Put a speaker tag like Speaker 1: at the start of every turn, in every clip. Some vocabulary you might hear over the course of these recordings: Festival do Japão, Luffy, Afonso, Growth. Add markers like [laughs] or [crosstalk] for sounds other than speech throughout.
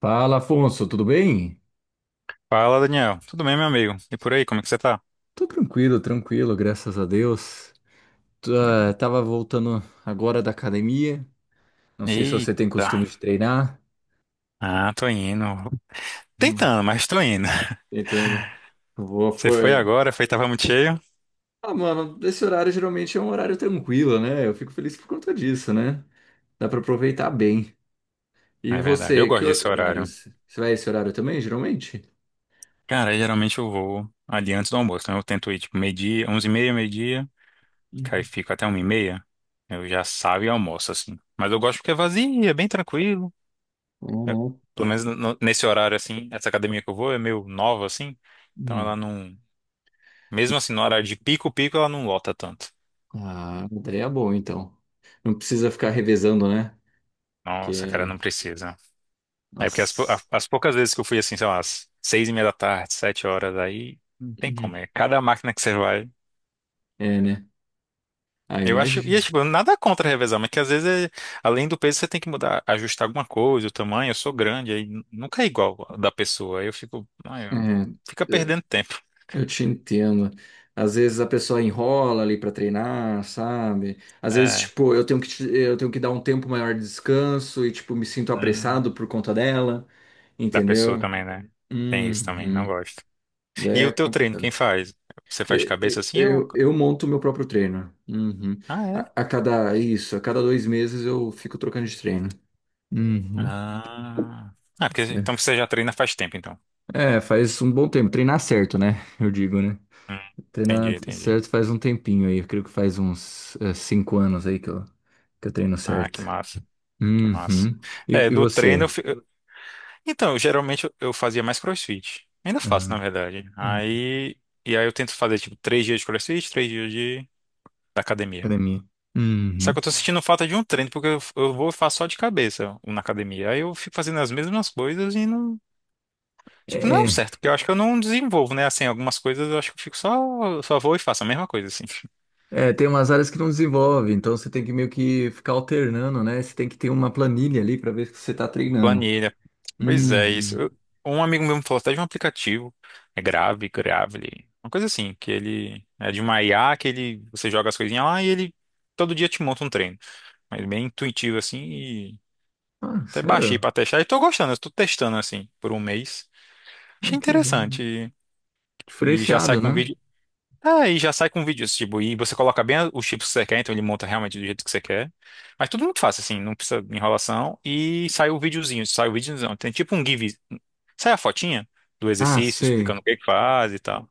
Speaker 1: Fala, Afonso, tudo bem?
Speaker 2: Fala, Daniel. Tudo bem, meu amigo? E por aí, como é que você tá?
Speaker 1: Tô tranquilo, tranquilo, graças a Deus. Tô, tava voltando agora da academia. Não sei se você tem
Speaker 2: Eita.
Speaker 1: costume de treinar.
Speaker 2: Ah, tô indo.
Speaker 1: Hum.
Speaker 2: Tentando, mas tô indo.
Speaker 1: Tentando. Vou,
Speaker 2: [laughs] Você foi
Speaker 1: foi.
Speaker 2: agora, foi, tava muito cheio.
Speaker 1: Ah, mano, esse horário geralmente é um horário tranquilo, né? Eu fico feliz por conta disso, né? Dá pra aproveitar bem. E
Speaker 2: É verdade, eu
Speaker 1: você, que
Speaker 2: gosto desse
Speaker 1: horário?
Speaker 2: horário.
Speaker 1: Você vai esse horário também, geralmente?
Speaker 2: Cara, geralmente eu vou ali antes do almoço, então eu tento ir tipo meio dia onze e meia, meio-dia, que aí
Speaker 1: Uhum.
Speaker 2: fico até uma e meia. Eu já saio e almoço, assim. Mas eu gosto porque é vazio, é bem tranquilo. Eu-
Speaker 1: Uhum.
Speaker 2: Pelo menos nesse horário, assim, essa academia que eu vou é meio nova, assim, então ela
Speaker 1: Hum.
Speaker 2: não...
Speaker 1: Não
Speaker 2: Mesmo
Speaker 1: precisa-
Speaker 2: assim, no horário de pico-pico, ela não lota tanto.
Speaker 1: Ah, daí é bom, então. Não precisa ficar revezando, né? Que
Speaker 2: Nossa, cara,
Speaker 1: é
Speaker 2: não precisa. É porque
Speaker 1: Nossa.
Speaker 2: as poucas vezes que eu fui assim, sei lá, às 6:30 da tarde, 7 horas, aí não tem como.
Speaker 1: Uhum.
Speaker 2: É cada máquina que você vai.
Speaker 1: É, né? Ah,
Speaker 2: Eu acho. E é,
Speaker 1: imagina.
Speaker 2: tipo, nada contra revezar, mas que às vezes, além do peso, você tem que mudar, ajustar alguma coisa, o tamanho. Eu sou grande, aí nunca é igual da pessoa. Aí eu fico. Ai, fica
Speaker 1: É,
Speaker 2: perdendo tempo.
Speaker 1: é, eu te entendo. Às vezes a pessoa enrola ali pra treinar, sabe? Às vezes,
Speaker 2: É.
Speaker 1: tipo, eu tenho eu tenho que dar um tempo maior de descanso e, tipo, me sinto
Speaker 2: Hum,
Speaker 1: apressado por conta dela,
Speaker 2: da pessoa
Speaker 1: entendeu?
Speaker 2: também, né? Tem isso também, não
Speaker 1: Uhum.
Speaker 2: gosto. E
Speaker 1: É
Speaker 2: o teu treino,
Speaker 1: complicado.
Speaker 2: quem faz? Você faz de cabeça
Speaker 1: Eu,
Speaker 2: assim ou.
Speaker 1: eu, eu monto meu próprio treino. Uhum.
Speaker 2: Ah,
Speaker 1: A,
Speaker 2: é?
Speaker 1: a cada isso, a cada 2 meses eu fico trocando de treino. Uhum.
Speaker 2: Ah. Ah, porque
Speaker 1: É.
Speaker 2: então você já treina faz tempo, então.
Speaker 1: É, faz um bom tempo. Treinar certo, né? Eu digo, né?
Speaker 2: Hum, Entendi,
Speaker 1: Treinar
Speaker 2: entendi.
Speaker 1: certo faz um tempinho aí. Eu creio que faz uns 5 anos aí que eu treino
Speaker 2: Ah,
Speaker 1: certo.
Speaker 2: que massa, que massa.
Speaker 1: Uhum.
Speaker 2: É,
Speaker 1: E
Speaker 2: do treino
Speaker 1: você?
Speaker 2: então, eu, geralmente eu fazia mais CrossFit. Ainda faço,
Speaker 1: Ah,
Speaker 2: na verdade.
Speaker 1: hum,
Speaker 2: Aí... E aí eu tento fazer, tipo, três dias de CrossFit, três dias de... da academia.
Speaker 1: academia.
Speaker 2: Só
Speaker 1: Uhum.
Speaker 2: que eu tô sentindo falta de um treino, porque eu vou e faço só de cabeça na academia. Aí eu fico fazendo as mesmas coisas e não... Tipo, não é o
Speaker 1: É,
Speaker 2: certo, porque eu acho que eu não desenvolvo, né? Assim, algumas coisas eu acho que eu fico só... Só vou e faço a mesma coisa, assim. [laughs]
Speaker 1: é, tem umas áreas que não desenvolve, então você tem que meio que ficar alternando, né? Você tem que ter uma planilha ali pra ver se você tá treinando.
Speaker 2: Planilha, pois é, isso.
Speaker 1: Uhum.
Speaker 2: Um amigo meu me falou até de um aplicativo, é Grave, Gravely, uma coisa assim, que ele é de uma IA que ele, você joga as coisinhas lá e ele todo dia te monta um treino. Mas bem intuitivo assim e
Speaker 1: Ah,
Speaker 2: até baixei
Speaker 1: sério?
Speaker 2: pra testar e tô gostando, eu tô testando assim por 1 mês.
Speaker 1: Ah,
Speaker 2: Achei
Speaker 1: que legal.
Speaker 2: interessante e já sai
Speaker 1: Diferenciado,
Speaker 2: com um
Speaker 1: né?
Speaker 2: vídeo. Ah, e já sai com vídeos, tipo, e você coloca bem os chips que você quer, então ele monta realmente do jeito que você quer. Mas tudo muito fácil, assim, não precisa de enrolação. E sai o videozinho, sai o videozão. Tem tipo um give, sai a fotinha do
Speaker 1: Ah,
Speaker 2: exercício,
Speaker 1: sei.
Speaker 2: explicando o que que faz e tal.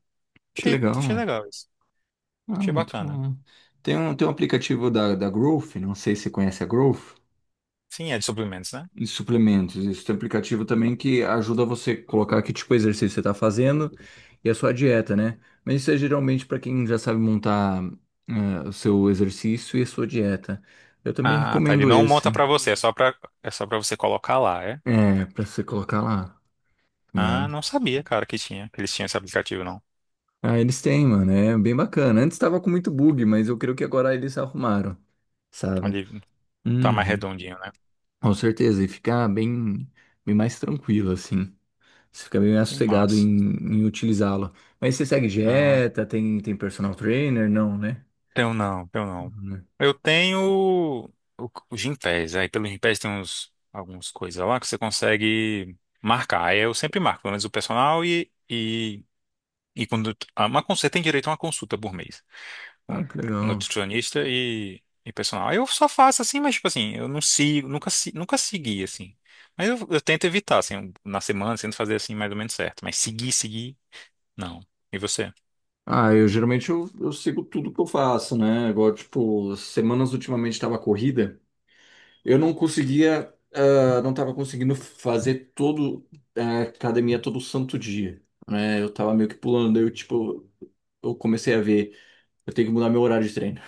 Speaker 1: Que
Speaker 2: Achei, achei
Speaker 1: legal.
Speaker 2: legal isso.
Speaker 1: Ah,
Speaker 2: Achei
Speaker 1: muito
Speaker 2: bacana.
Speaker 1: bom. Tem um aplicativo da, da Growth, não sei se você conhece a Growth,
Speaker 2: Sim, é de suplementos, né?
Speaker 1: de suplementos. Isso tem um aplicativo também que ajuda você a colocar que tipo de exercício você está fazendo e a sua dieta, né? Mas isso é geralmente para quem já sabe montar o seu exercício e a sua dieta. Eu também
Speaker 2: Ah, tá. Ele
Speaker 1: recomendo
Speaker 2: não
Speaker 1: esse,
Speaker 2: monta pra você, é só pra você colocar lá, é?
Speaker 1: é, para você colocar lá,
Speaker 2: Ah,
Speaker 1: né?
Speaker 2: não sabia, cara, que tinha, que eles tinham esse aplicativo, não.
Speaker 1: Ah, eles têm, mano, é bem bacana. Antes estava com muito bug, mas eu creio que agora eles arrumaram, sabe?
Speaker 2: Ali tá mais
Speaker 1: Uhum.
Speaker 2: redondinho, né?
Speaker 1: Com certeza, e fica bem, bem mais tranquilo, assim. Você fica bem mais
Speaker 2: Que
Speaker 1: sossegado em,
Speaker 2: massa.
Speaker 1: em utilizá-lo. Mas você segue
Speaker 2: Ah.
Speaker 1: dieta, tem, tem personal trainer? Não, né?
Speaker 2: Tenho não, tenho não.
Speaker 1: Não, né?
Speaker 2: Eu tenho o Gympass. Aí pelo Gympass tem uns, algumas coisas lá que você consegue marcar. Aí eu sempre marco, pelo menos o personal e quando uma, você tem direito a 1 consulta por mês com
Speaker 1: Ah, que legal.
Speaker 2: nutricionista e personal. Aí eu só faço assim, mas tipo assim, eu não sigo, nunca, nunca segui assim. Mas eu tento evitar, assim, um, na semana, tento fazer assim mais ou menos certo. Mas seguir, seguir, não. E você?
Speaker 1: Ah, eu geralmente eu sigo tudo que eu faço, né? Igual, tipo, semanas ultimamente estava corrida, eu não conseguia, não estava conseguindo fazer todo a academia todo santo dia, né? Eu tava meio que pulando, daí eu, tipo, eu comecei a ver, eu tenho que mudar meu horário de treino.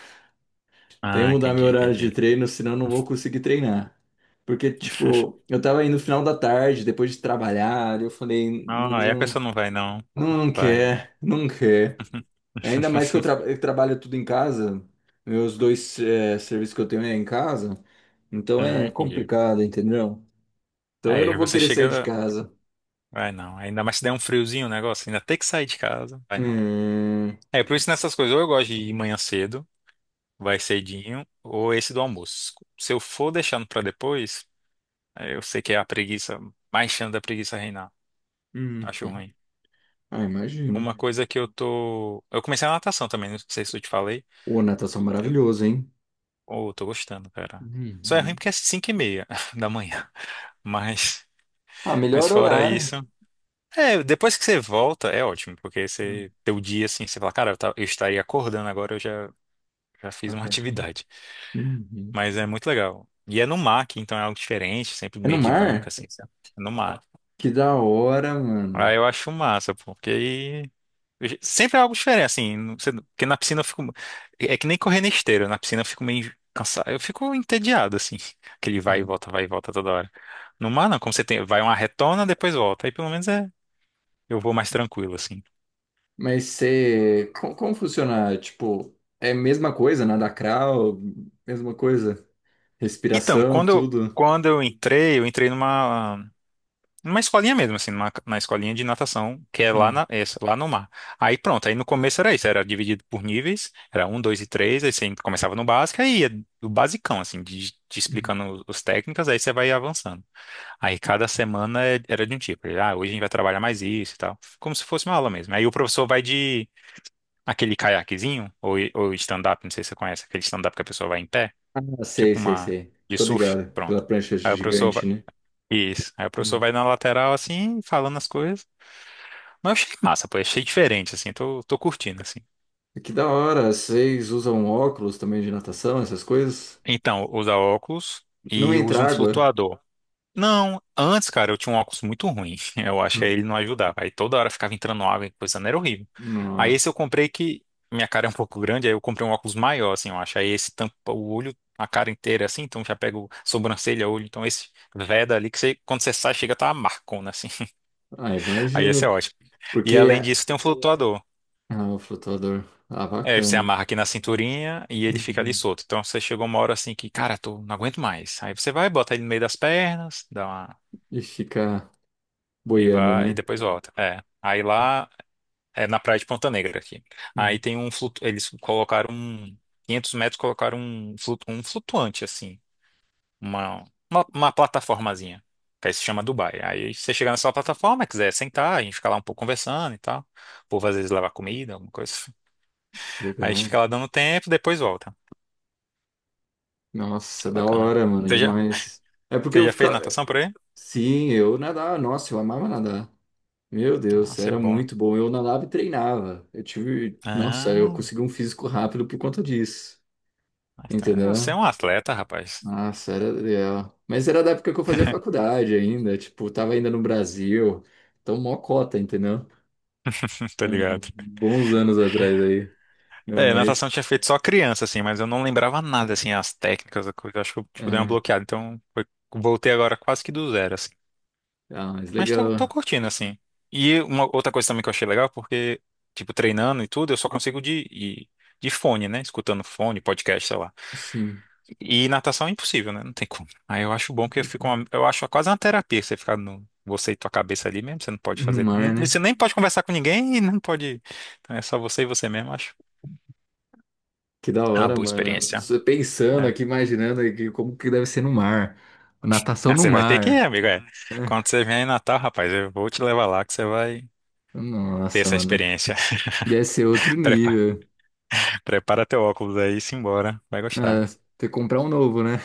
Speaker 1: Tem que
Speaker 2: Ah,
Speaker 1: mudar meu
Speaker 2: entendi,
Speaker 1: horário de
Speaker 2: entendi.
Speaker 1: treino, senão eu não vou conseguir treinar. Porque, tipo, eu tava indo no final da tarde, depois de trabalhar, eu falei,
Speaker 2: Ah, aí a
Speaker 1: não,
Speaker 2: pessoa não vai, não. Não
Speaker 1: não, não
Speaker 2: vai. É.
Speaker 1: quer, não quer. Ainda mais que
Speaker 2: [laughs]
Speaker 1: eu trabalho tudo em casa, meus dois serviços que eu tenho é em casa, então
Speaker 2: Não,
Speaker 1: é
Speaker 2: entendi.
Speaker 1: complicado, entendeu? Então eu não
Speaker 2: Aí
Speaker 1: vou
Speaker 2: você
Speaker 1: querer sair de
Speaker 2: chega.
Speaker 1: casa.
Speaker 2: Vai não. Ainda mais se der um friozinho o negócio, ainda tem que sair de casa. Vai não.
Speaker 1: Hum,
Speaker 2: É, por isso nessas coisas, ou eu gosto de ir manhã cedo, vai cedinho, ou esse do almoço. Se eu for deixando pra depois, aí eu sei que é a preguiça, mais chance da preguiça reinar.
Speaker 1: uhum.
Speaker 2: Acho ruim.
Speaker 1: Ah, imagino.
Speaker 2: Uma coisa que eu tô. Eu comecei a natação também, não sei se eu te falei.
Speaker 1: Ô, natação
Speaker 2: Eu...
Speaker 1: maravilhoso, hein?
Speaker 2: Oh, eu tô gostando, cara. Só é ruim
Speaker 1: Uhum.
Speaker 2: porque é 5:30 [laughs] da manhã. Mas.
Speaker 1: Ah,
Speaker 2: Mas
Speaker 1: melhor
Speaker 2: fora
Speaker 1: horário.
Speaker 2: isso, é, depois que você volta, é ótimo, porque
Speaker 1: Hum,
Speaker 2: você teu dia assim, você fala, cara, eu estaria acordando agora, eu já, já fiz uma [laughs]
Speaker 1: perfeito.
Speaker 2: atividade.
Speaker 1: Uhum.
Speaker 2: Mas é muito legal. E é no mar, que então é algo diferente, sempre
Speaker 1: É no
Speaker 2: meio dinâmico,
Speaker 1: mar?
Speaker 2: assim, sabe? É no mar.
Speaker 1: Que da hora,
Speaker 2: Ah,
Speaker 1: mano.
Speaker 2: eu acho massa, porque aí sempre é algo diferente, assim, porque na piscina eu fico. É que nem correr na esteira, na piscina eu fico meio cansado, eu fico entediado, assim, [laughs] aquele vai e volta toda hora. No mar, não, como você tem, vai uma retona, depois volta. Aí pelo menos é, eu vou mais tranquilo, assim.
Speaker 1: Mas você. Como funciona? Tipo, é a mesma coisa, nada crawl, mesma coisa.
Speaker 2: Então,
Speaker 1: Respiração,
Speaker 2: quando eu,
Speaker 1: tudo.
Speaker 2: quando eu entrei, eu entrei numa, numa escolinha mesmo, assim, numa, na escolinha de natação, que é lá,
Speaker 1: Ah,
Speaker 2: na, essa, lá no mar. Aí pronto, aí no começo era isso, era dividido por níveis, era um, dois e três, aí você começava no básico, aí ia do basicão, assim, de, te
Speaker 1: uhum.
Speaker 2: explicando os técnicas, aí você vai avançando. Aí cada semana era de um tipo, ah, hoje a gente vai trabalhar mais isso e tal, como se fosse uma aula mesmo. Aí o professor vai de aquele caiaquezinho, ou stand-up, não sei se você conhece, aquele stand-up que a pessoa vai em pé
Speaker 1: Ah, sei,
Speaker 2: tipo
Speaker 1: sei,
Speaker 2: uma
Speaker 1: sei.
Speaker 2: de
Speaker 1: Tô
Speaker 2: surf,
Speaker 1: ligado. Pela
Speaker 2: pronto.
Speaker 1: prancha
Speaker 2: Aí o professor vai,
Speaker 1: gigante, né?
Speaker 2: isso. Aí o professor
Speaker 1: Hum.
Speaker 2: vai na lateral assim, falando as coisas. Mas eu achei massa, pô, achei diferente assim, tô, tô curtindo assim.
Speaker 1: Que da hora. Vocês usam óculos também de natação, essas coisas?
Speaker 2: Então, usa óculos
Speaker 1: Não
Speaker 2: e
Speaker 1: entra
Speaker 2: usa um
Speaker 1: água?
Speaker 2: flutuador. Não, antes, cara, eu tinha um óculos muito ruim. [laughs] Eu acho que aí
Speaker 1: Hum.
Speaker 2: ele não ajudava. Aí toda hora ficava entrando água e coisa, não era horrível. Aí esse eu
Speaker 1: Nossa.
Speaker 2: comprei que minha cara é um pouco grande, aí eu comprei um óculos maior, assim, eu acho. Aí esse tampa o olho, a cara inteira, assim, então já pega o sobrancelha, olho. Então esse veda ali que você, quando você sai, chega a tá uma marcona, assim.
Speaker 1: Ah,
Speaker 2: Aí esse é
Speaker 1: imagino.
Speaker 2: ótimo. E além
Speaker 1: Porque.
Speaker 2: disso, tem um flutuador.
Speaker 1: Ah, o flutuador. Ah,
Speaker 2: É, você
Speaker 1: bacana.
Speaker 2: amarra aqui na cinturinha e ele fica ali
Speaker 1: Uhum.
Speaker 2: solto. Então você chegou uma hora assim que, cara, tô, não aguento mais. Aí você vai, bota ele no meio das pernas, dá uma.
Speaker 1: E fica
Speaker 2: E
Speaker 1: boiando,
Speaker 2: vai, e
Speaker 1: né?
Speaker 2: depois volta. É. Aí lá, é na praia de Ponta Negra aqui. Aí
Speaker 1: Hum,
Speaker 2: tem um flutu... Eles colocaram um. 500 metros colocaram um, flutu... um flutuante, assim. Uma, uma plataformazinha. Que aí se chama Dubai. Aí você chega nessa plataforma, quiser sentar, a gente fica lá um pouco conversando e tal. O povo às vezes leva comida, alguma coisa. Aí
Speaker 1: legal.
Speaker 2: fica lá dando tempo, depois volta.
Speaker 1: Nossa,
Speaker 2: É
Speaker 1: da
Speaker 2: bacana.
Speaker 1: hora, mano,
Speaker 2: Você já,
Speaker 1: demais. É porque
Speaker 2: você
Speaker 1: eu
Speaker 2: já fez
Speaker 1: ficava.
Speaker 2: natação por aí?
Speaker 1: Sim, eu nadava. Nossa, eu amava nadar. Meu
Speaker 2: Ah,
Speaker 1: Deus,
Speaker 2: você é
Speaker 1: era
Speaker 2: bom.
Speaker 1: muito bom. Eu nadava e treinava. Eu tive. Nossa, eu
Speaker 2: Ah,
Speaker 1: consegui um físico rápido por conta disso.
Speaker 2: você é
Speaker 1: Entendeu?
Speaker 2: um atleta, rapaz.
Speaker 1: Nossa, era legal. Mas era da época que eu fazia faculdade ainda. Tipo, tava ainda no Brasil. Então, mó cota, entendeu?
Speaker 2: [laughs] Tá
Speaker 1: Hum,
Speaker 2: ligado?
Speaker 1: Bons anos atrás aí. Não,
Speaker 2: É, natação eu
Speaker 1: mas.
Speaker 2: tinha feito só criança, assim, mas eu não lembrava nada, assim, as técnicas, a coisa. Acho que eu tipo, dei uma
Speaker 1: É.
Speaker 2: bloqueada. Então, voltei agora quase que do zero, assim.
Speaker 1: Ah, mas
Speaker 2: Mas tô, tô
Speaker 1: legal.
Speaker 2: curtindo, assim. E uma outra coisa também que eu achei legal, porque, tipo, treinando e tudo, eu só consigo de fone, né? Escutando fone, podcast, sei lá.
Speaker 1: Sim.
Speaker 2: E natação é impossível, né? Não tem como. Aí eu acho bom que eu fico eu acho quase uma terapia você ficar no você e tua cabeça ali mesmo, você não pode
Speaker 1: No
Speaker 2: fazer,
Speaker 1: mar, né?
Speaker 2: você nem pode conversar com ninguém e não pode, então é só você e você mesmo, acho.
Speaker 1: Que da
Speaker 2: Uma
Speaker 1: hora,
Speaker 2: boa
Speaker 1: mano.
Speaker 2: experiência.
Speaker 1: Você pensando
Speaker 2: É.
Speaker 1: aqui, imaginando aqui como que deve ser no mar. Natação
Speaker 2: Ah,
Speaker 1: no
Speaker 2: você vai ter que ir,
Speaker 1: mar.
Speaker 2: amigo, é. Quando você vier em Natal, rapaz, eu vou te levar lá que você vai ter
Speaker 1: Nossa,
Speaker 2: essa
Speaker 1: mano.
Speaker 2: experiência.
Speaker 1: Deve ser outro
Speaker 2: [laughs] Prepara,
Speaker 1: nível.
Speaker 2: prepara teu óculos aí e simbora, vai gostar.
Speaker 1: Ah, ter que comprar um novo, né?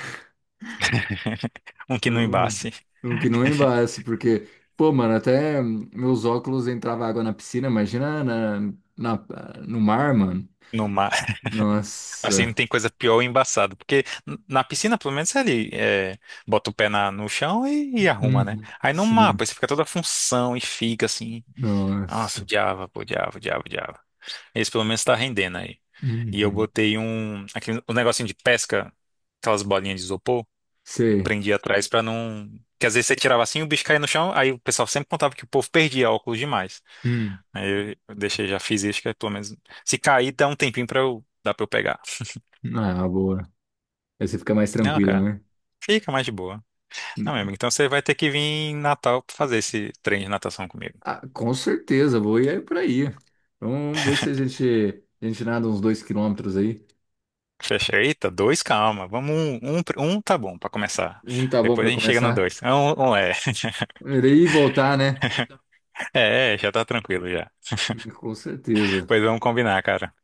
Speaker 2: Um que não
Speaker 1: Um,
Speaker 2: embace
Speaker 1: um que não embace, porque, pô, mano, até meus óculos entrava água na piscina, imagina na, na- no mar, mano.
Speaker 2: no mar. Assim, não
Speaker 1: Nossa.
Speaker 2: tem coisa pior ou embaçada. Porque na piscina, pelo menos, você ali é, bota o pé na, no chão e arruma, né?
Speaker 1: Uhum.
Speaker 2: Aí no
Speaker 1: Sim.
Speaker 2: mapa, você fica toda a função e fica assim. Nossa,
Speaker 1: Nossa.
Speaker 2: odiava, pô, odiava, odiava, odiava. Esse pelo menos tá rendendo aí. E eu
Speaker 1: Uhum.
Speaker 2: botei um, aquele, um negocinho de pesca, aquelas bolinhas de isopor,
Speaker 1: Sei.
Speaker 2: prendi atrás pra não. Que às vezes você tirava assim, o bicho caía no chão, aí o pessoal sempre contava que o povo perdia óculos demais.
Speaker 1: Hum.
Speaker 2: Aí eu deixei, já fiz isso, que é pelo menos. Se cair, dá um tempinho pra eu, dá pra eu pegar.
Speaker 1: Ah, boa. Aí você fica mais
Speaker 2: Não,
Speaker 1: tranquila,
Speaker 2: cara,
Speaker 1: né?
Speaker 2: fica mais de boa. Não, meu amigo, então você vai ter que vir em Natal pra fazer esse treino de natação comigo.
Speaker 1: Ah, com certeza, vou ir aí por aí. Então, vamos ver se a gente nada uns 2 km aí.
Speaker 2: Fecha. Eita, dois, calma. Vamos um, um, um tá bom pra começar.
Speaker 1: Não tá bom
Speaker 2: Depois
Speaker 1: para
Speaker 2: a gente chega no
Speaker 1: começar?
Speaker 2: dois. É. Um é. [laughs]
Speaker 1: Ir e voltar, né?
Speaker 2: É, é, já tá tranquilo já.
Speaker 1: Com certeza.
Speaker 2: Pois vamos combinar, cara.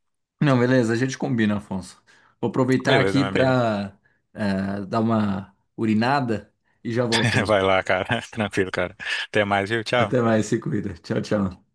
Speaker 1: Não, beleza, a gente combina, Afonso. Vou aproveitar
Speaker 2: Beleza,
Speaker 1: aqui
Speaker 2: meu amigo.
Speaker 1: para dar uma urinada e já volto
Speaker 2: [laughs]
Speaker 1: aí.
Speaker 2: Vai lá, cara. [laughs] Tranquilo, cara. Até mais, viu?
Speaker 1: Até
Speaker 2: Tchau.
Speaker 1: mais, se cuida. Tchau, tchau.